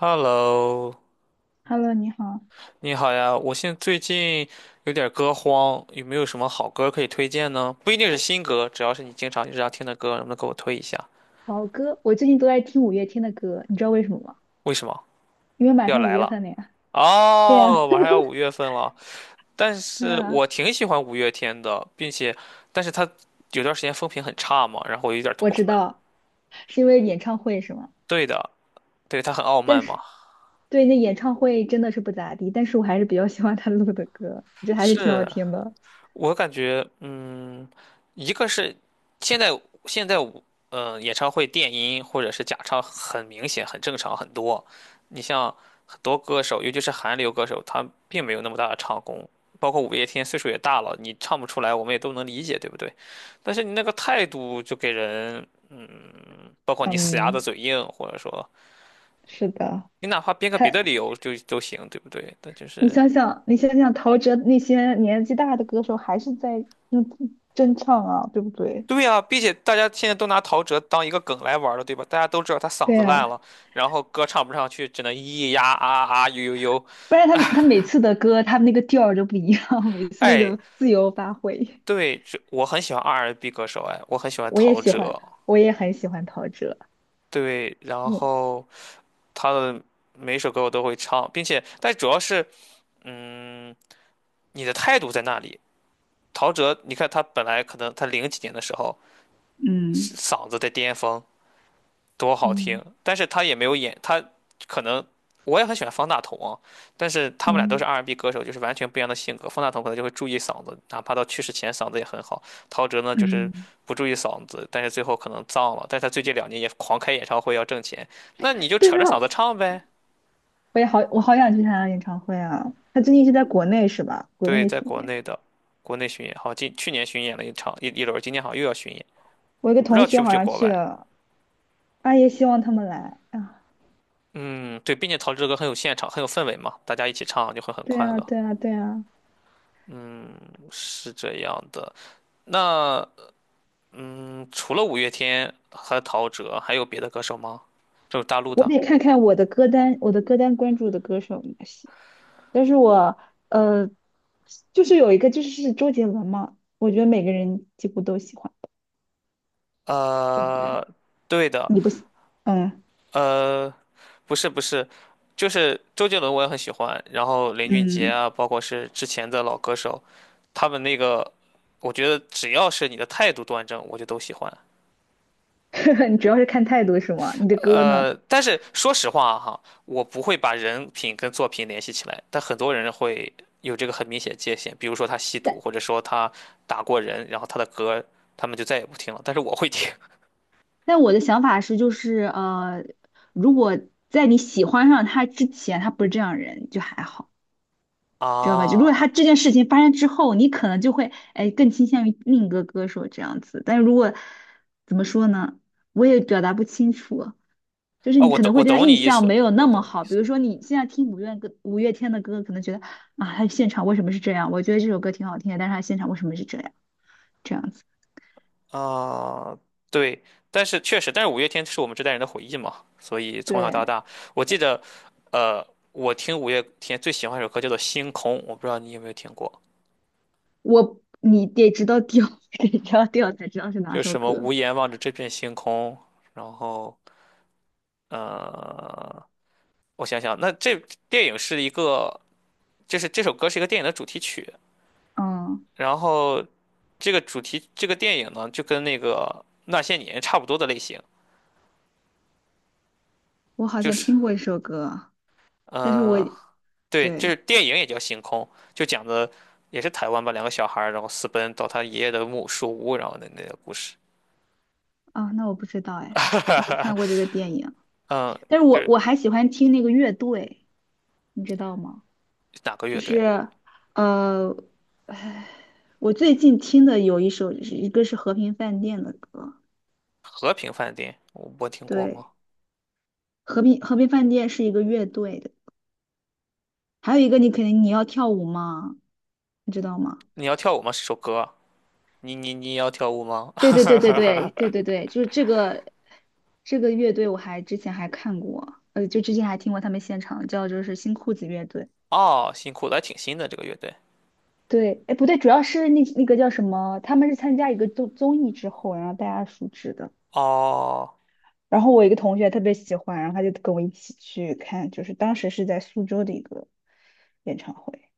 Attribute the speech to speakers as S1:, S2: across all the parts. S1: Hello，
S2: Hello，你好。
S1: 你好呀！我现在最近有点歌荒，有没有什么好歌可以推荐呢？不一定是新歌，只要是你经常日常听的歌，能不能给我推一下？
S2: 好歌，我最近都在听五月天的歌，你知道为什么吗？
S1: 为什么
S2: 因为马
S1: 要
S2: 上五
S1: 来
S2: 月
S1: 了？
S2: 份了呀。对呀。
S1: 哦，马上要五月份了，但
S2: 对
S1: 是我
S2: 呀，
S1: 挺喜欢五月天的，并且，但是他有段时间风评很差嘛，然后我有点
S2: 我
S1: 脱
S2: 知
S1: 粉。
S2: 道，是因为演唱会是吗？
S1: 对的，对，他很傲
S2: 但
S1: 慢嘛。
S2: 是对，那演唱会真的是不咋地，但是我还是比较喜欢他录的歌，我觉得还是挺好
S1: 是，
S2: 听的。
S1: 我感觉，一个是现在现在我，演唱会电音或者是假唱很明显、很正常很多。你像很多歌手，尤其是韩流歌手，他并没有那么大的唱功。包括五月天岁数也大了，你唱不出来，我们也都能理解，对不对？但是你那个态度就给人，包括你死鸭子
S2: 嗯，
S1: 嘴硬，或者说
S2: 是的。
S1: 你哪怕编个
S2: 他，
S1: 别的理由就都行，对不对？但就
S2: 你
S1: 是
S2: 想想，你想想陶喆那些年纪大的歌手，还是在用真唱啊，对不对？
S1: 对呀，并且大家现在都拿陶喆当一个梗来玩儿了，对吧？大家都知道他嗓
S2: 对
S1: 子烂
S2: 呀。
S1: 了，然后歌唱不上去，只能咿咿呀啊啊呦呦呦。
S2: 不然他每次的歌，他那个调儿都不一样，每次那
S1: 哎，
S2: 个自由发挥。
S1: 对，这我很喜欢 R&B 歌手，哎，我很喜欢
S2: 我也
S1: 陶
S2: 喜
S1: 喆，
S2: 欢，我也很喜欢陶喆。
S1: 对，然
S2: 嗯
S1: 后他的每首歌我都会唱，并且，但主要是你的态度在那里。陶喆，你看他本来可能他零几年的时候
S2: 嗯
S1: 嗓子在巅峰，多好
S2: 嗯
S1: 听，但是他也没有演，他可能我也很喜欢方大同啊，但是他们俩都是
S2: 嗯
S1: R&B 歌手，就是完全不一样的性格。方大同可能就会注意嗓子，哪怕到去世前嗓子也很好。陶喆呢，就是
S2: 嗯，
S1: 不注意嗓子，但是最后可能脏了。但是他最近两年也狂开演唱会要挣钱，那你就
S2: 对
S1: 扯着嗓
S2: 啊，
S1: 子唱呗。
S2: 我好想去他的演唱会啊！他最近是在国内是吧？国
S1: 对，
S2: 内
S1: 在
S2: 巡
S1: 国
S2: 演。
S1: 内的国内巡演，好，今去年巡演了一场一轮，今年好像又要巡演，
S2: 我一个
S1: 我不知
S2: 同
S1: 道去
S2: 学
S1: 不
S2: 好
S1: 去
S2: 像
S1: 国
S2: 去
S1: 外。
S2: 了，阿也希望他们来啊！
S1: 嗯，对，并且陶喆的歌很有现场，很有氛围嘛，大家一起唱就会很
S2: 对
S1: 快
S2: 啊，
S1: 乐，
S2: 对啊，对啊。
S1: 是这样的。那除了五月天和陶喆，还有别的歌手吗？就是大陆
S2: 我
S1: 的。
S2: 得看看我的歌单，我的歌单关注的歌手有哪些。但是我呃，就是有一个就是周杰伦嘛，我觉得每个人几乎都喜欢，对不对？
S1: 呃，对的，
S2: 你不喜，嗯
S1: 呃，不是不是，就是周杰伦我也很喜欢，然后林俊杰
S2: 嗯，
S1: 啊，包括是之前的老歌手，他们那个，我觉得只要是你的态度端正，我就都喜欢。
S2: 你主要是看态度是吗？你的歌呢？
S1: 但是说实话哈，我不会把人品跟作品联系起来，但很多人会有这个很明显界限，比如说他吸
S2: 但
S1: 毒，或者说他打过人，然后他的歌他们就再也不听了，但是我会听
S2: 但我的想法是，如果在你喜欢上他之前，他不是这样人，就还好，知道吧？就如果他
S1: 啊
S2: 这件事情发生之后，你可能就会哎更倾向于另一个歌手这样子。但是如果怎么说呢，我也表达不清楚。就是
S1: 啊，
S2: 你
S1: 我
S2: 可
S1: 懂
S2: 能会
S1: 我
S2: 对他
S1: 懂
S2: 印
S1: 你意
S2: 象
S1: 思，
S2: 没有那
S1: 我
S2: 么
S1: 懂你意
S2: 好。比
S1: 思
S2: 如说你现在听五月天的歌，可能觉得啊，他现场为什么是这样？我觉得这首歌挺好听的，但是他现场为什么是这样？这样子。
S1: 啊，对，但是确实，但是五月天是我们这代人的回忆嘛，所以从小到
S2: 对，
S1: 大，我记得，呃，我听五月天最喜欢一首歌叫做《星空》，我不知道你有没有听过。
S2: 我你得知道调，得知道调才知道是哪
S1: 就
S2: 首
S1: 什么
S2: 歌。
S1: 无言望着这片星空，然后呃，我想想，那这电影是一个，就是这首歌是一个电影的主题曲，
S2: 嗯，
S1: 然后这个主题这个电影呢，就跟那个那些年差不多的类型，
S2: 我好
S1: 就
S2: 像
S1: 是
S2: 听过一首歌，但是我
S1: 呃，对，就是
S2: 对。
S1: 电影也叫星空，就讲的也是台湾吧，两个小孩儿然后私奔到他爷爷的木树屋，然后那个故事，
S2: 啊，那我不知道哎，我没看过这个电影，
S1: 嗯，
S2: 但是
S1: 就
S2: 我
S1: 是
S2: 我还喜欢听那个乐队，你知道吗？
S1: 哪个
S2: 就
S1: 乐队？
S2: 是，呃，唉我最近听的有一首，是一个是和平饭店的歌。
S1: 和平饭店，我听过吗？
S2: 对，和平饭店是一个乐队的。还有一个你肯定你要跳舞吗？你知道吗？
S1: 你要跳舞吗？是首歌。你要跳舞吗？
S2: 对对 对对对对对对，就是这个乐队，我还之前还看过，呃，就之前还听过他们现场，叫就是新裤子乐队。
S1: 哦，辛苦了，还挺新的这个乐队。
S2: 对，哎，不对，主要是那个叫什么，他们是参加一个综艺之后，然后大家熟知的。
S1: 哦
S2: 然后我一个同学特别喜欢，然后他就跟我一起去看，就是当时是在苏州的一个演唱会，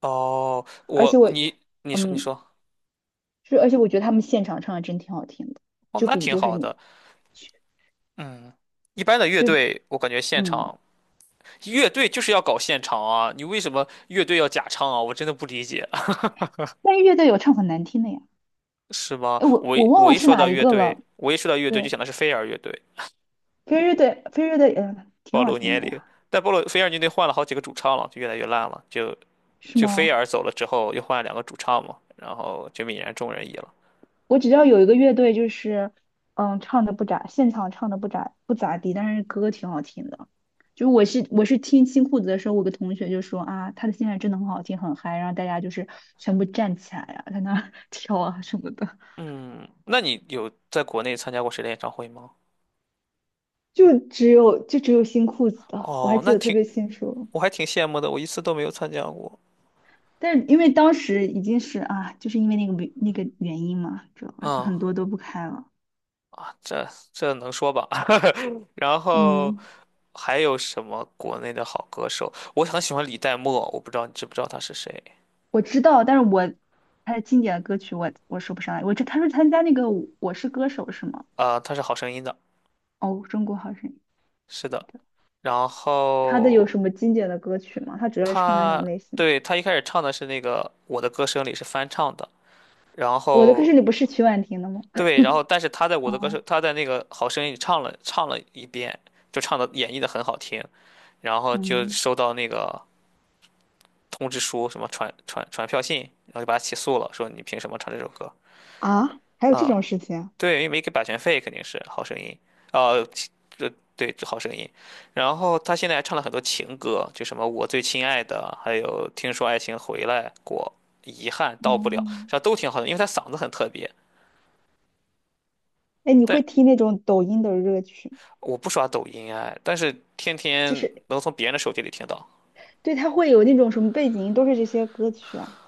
S1: 哦，
S2: 而且
S1: 我
S2: 我，
S1: 你你说你
S2: 嗯，
S1: 说，
S2: 而且我觉得他们现场唱的真挺好听的。
S1: 哦，
S2: 就
S1: 那
S2: 比
S1: 挺
S2: 就是
S1: 好
S2: 你
S1: 的。
S2: 去
S1: 嗯，一般的乐
S2: 就
S1: 队，我感觉现
S2: 嗯，
S1: 场乐队就是要搞现场啊，你为什么乐队要假唱啊？我真的不理解，
S2: 但是乐队有唱很难听的呀。
S1: 是吗？
S2: 哎，我我忘了是哪一个了。
S1: 我一说到乐队就
S2: 对，
S1: 想的是飞儿乐队，
S2: 飞乐队，嗯，挺
S1: 暴
S2: 好
S1: 露
S2: 听
S1: 年
S2: 的
S1: 龄。
S2: 呀。
S1: 但暴露飞儿乐队换了好几个主唱了，就越来越烂了。就
S2: 是
S1: 就飞
S2: 吗？
S1: 儿走了之后，又换了两个主唱嘛，然后就泯然众人矣了。
S2: 我只道有一个乐队，就是嗯，唱的不咋，现场唱的不咋地，但是歌挺好听的。就我是听新裤子的时候，我有个同学就说啊，他的现场真的很好听，很嗨，然后大家就是全部站起来啊，在那儿 跳啊什么的。
S1: 嗯，那你有在国内参加过谁的演唱会吗？
S2: 就只有新裤子的，我还
S1: 哦，
S2: 记
S1: 那
S2: 得特
S1: 挺，
S2: 别清楚。
S1: 我还挺羡慕的，我一次都没有参加过。
S2: 但是因为当时已经是啊，就是因为那个原因嘛，知道吧？就
S1: 嗯，
S2: 很多都不开了。
S1: 这能说吧？然后
S2: 嗯，
S1: 还有什么国内的好歌手？我很喜欢李代沫，我不知道你知不知道他是谁？
S2: 我知道，但是我他的经典的歌曲我说不上来。我这他说参加那个《我是歌手》是吗？
S1: 啊、他是《好声音》的，
S2: 哦，《中国好声音》。
S1: 是的。然
S2: 他的有什
S1: 后
S2: 么经典的歌曲吗？他主要唱那
S1: 他
S2: 种类型。
S1: 对他一开始唱的是那个《我的歌声》里是翻唱的，然
S2: 我的歌
S1: 后
S2: 声里不是曲婉婷的吗？
S1: 对，然后但是 他在我的歌
S2: 嗯
S1: 声，他在那个好声音里唱了一遍，就唱的演绎的很好听，然后就
S2: 嗯
S1: 收到那个通知书，什么传票信，然后就把他起诉了，说你凭什么唱这首歌
S2: 啊，还有这
S1: 啊？
S2: 种事情啊？
S1: 对，因为没给版权费，肯定是好声音，呃，这对这好声音，然后他现在还唱了很多情歌，就什么我最亲爱的，还有听说爱情回来过，遗憾到不了，
S2: 嗯，
S1: 这都挺好的，因为他嗓子很特别。
S2: 哎，你会
S1: 但
S2: 听那种抖音的热曲吗？
S1: 我不刷抖音哎，但是天
S2: 就
S1: 天
S2: 是
S1: 能从别人的手机里听到，
S2: 对，他会有那种什么背景音，都是这些歌曲啊。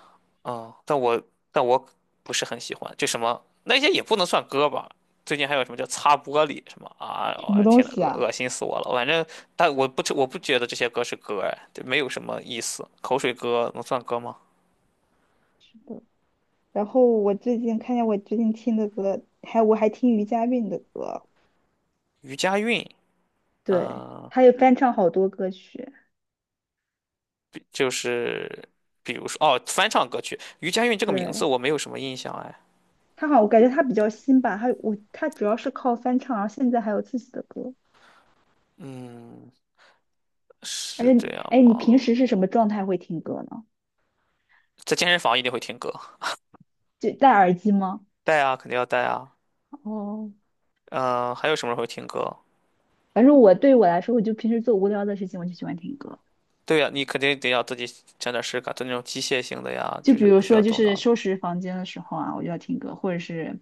S1: 嗯，但我不是很喜欢，就什么那些也不能算歌吧。最近还有什么叫擦玻璃什么啊？
S2: 什么
S1: 我、
S2: 东
S1: 天呐，
S2: 西
S1: 恶
S2: 啊？
S1: 心死我了！反正，但我不觉得这些歌是歌哎，对没有什么意思。口水歌能算歌吗？
S2: 是的。然后我最近听的歌，我还听余佳韵的歌。
S1: 余佳韵，
S2: 对，
S1: 嗯、
S2: 他也翻唱好多歌曲。
S1: 就是比如说哦，翻唱歌曲余佳韵这个名字
S2: 对，
S1: 我没有什么印象哎，
S2: 他好，我感觉他比较新吧，他主要是靠翻唱，然后现在还有自己的歌。
S1: 嗯，
S2: 而
S1: 是
S2: 且
S1: 这
S2: 你，
S1: 样
S2: 哎，你
S1: 吗？
S2: 平时是什么状态会听歌呢？
S1: 在健身房一定会听歌。
S2: 就戴耳机吗？
S1: 带啊，肯定要带啊。
S2: 哦，
S1: 嗯、还有什么会听歌？
S2: 反正对我来说，我就平时做无聊的事情，我就喜欢听歌。
S1: 对呀、你肯定得要自己整点事干，就那种机械性的呀，
S2: 就
S1: 就
S2: 比
S1: 是
S2: 如
S1: 不需
S2: 说，
S1: 要
S2: 就
S1: 动脑
S2: 是
S1: 的。
S2: 收拾房间的时候啊，我就要听歌，或者是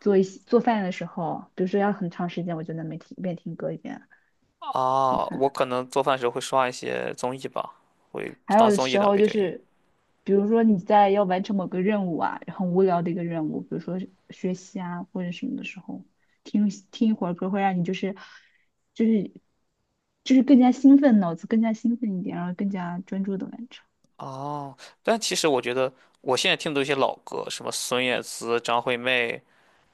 S2: 做一些做饭的时候，比如说要很长时间，我就能没听一边听歌一边做
S1: 哦，我
S2: 饭。
S1: 可能做饭的时候会刷一些综艺吧，会
S2: 还
S1: 当
S2: 有的
S1: 综艺
S2: 时
S1: 的
S2: 候
S1: 背
S2: 就
S1: 景音。
S2: 是，比如说你在要完成某个任务啊，很无聊的一个任务，比如说是学习啊或者什么的时候，听一会儿歌会让你就是就是更加兴奋，脑子更加兴奋一点，然后更加专注的完成。
S1: 哦，但其实我觉得我现在听的一些老歌，什么孙燕姿、张惠妹，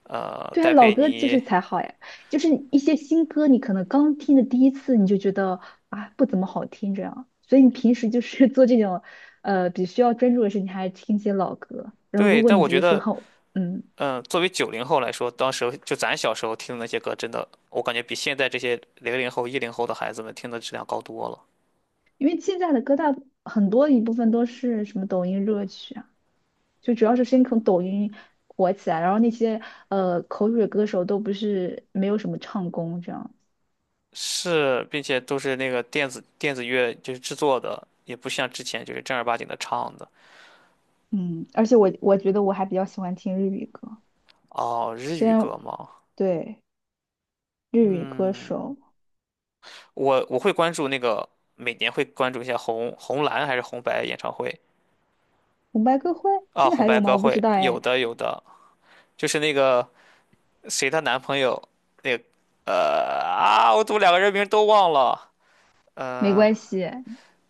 S2: 对啊，
S1: 戴
S2: 老
S1: 佩
S2: 歌就
S1: 妮，
S2: 是才好呀。就是一些新歌，你可能刚听的第一次你就觉得啊不怎么好听这样，所以你平时就是 做这种需要专注的事情，你还听一些老歌。然后
S1: 对，
S2: 如果
S1: 但
S2: 你
S1: 我
S2: 觉
S1: 觉
S2: 得说
S1: 得，
S2: 好，嗯，
S1: 作为九零后来说，当时就咱小时候听的那些歌，真的，我感觉比现在这些零零后、一零后的孩子们听的质量高多了。
S2: 因为现在的歌很多一部分都是什么抖音热曲啊，就主要是先从抖音火起来，然后那些呃口水歌手都不是没有什么唱功这样。
S1: 是，并且都是那个电子乐就是制作的，也不像之前就是正儿八经的唱的。
S2: 嗯，而且我觉得我还比较喜欢听日语歌，
S1: 哦，日
S2: 虽
S1: 语
S2: 然
S1: 歌吗？
S2: 对日语歌
S1: 嗯，
S2: 手
S1: 我会关注那个，每年会关注一下红蓝还是红白演唱会
S2: 红白歌会
S1: 啊，
S2: 现在
S1: 红
S2: 还
S1: 白
S2: 有吗？
S1: 歌
S2: 我不知
S1: 会，
S2: 道
S1: 有
S2: 哎。
S1: 的有的，就是那个谁她男朋友那个啊，我怎么两个人名都忘了？
S2: 没
S1: 嗯，
S2: 关系，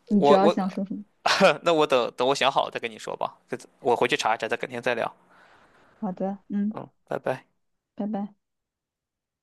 S2: 你主
S1: 我
S2: 要
S1: 我
S2: 想说什么？
S1: 那我等等我想好了再跟你说吧，这我回去查一查，再改天再聊。
S2: 好的，嗯，
S1: 嗯，拜拜。
S2: 拜拜。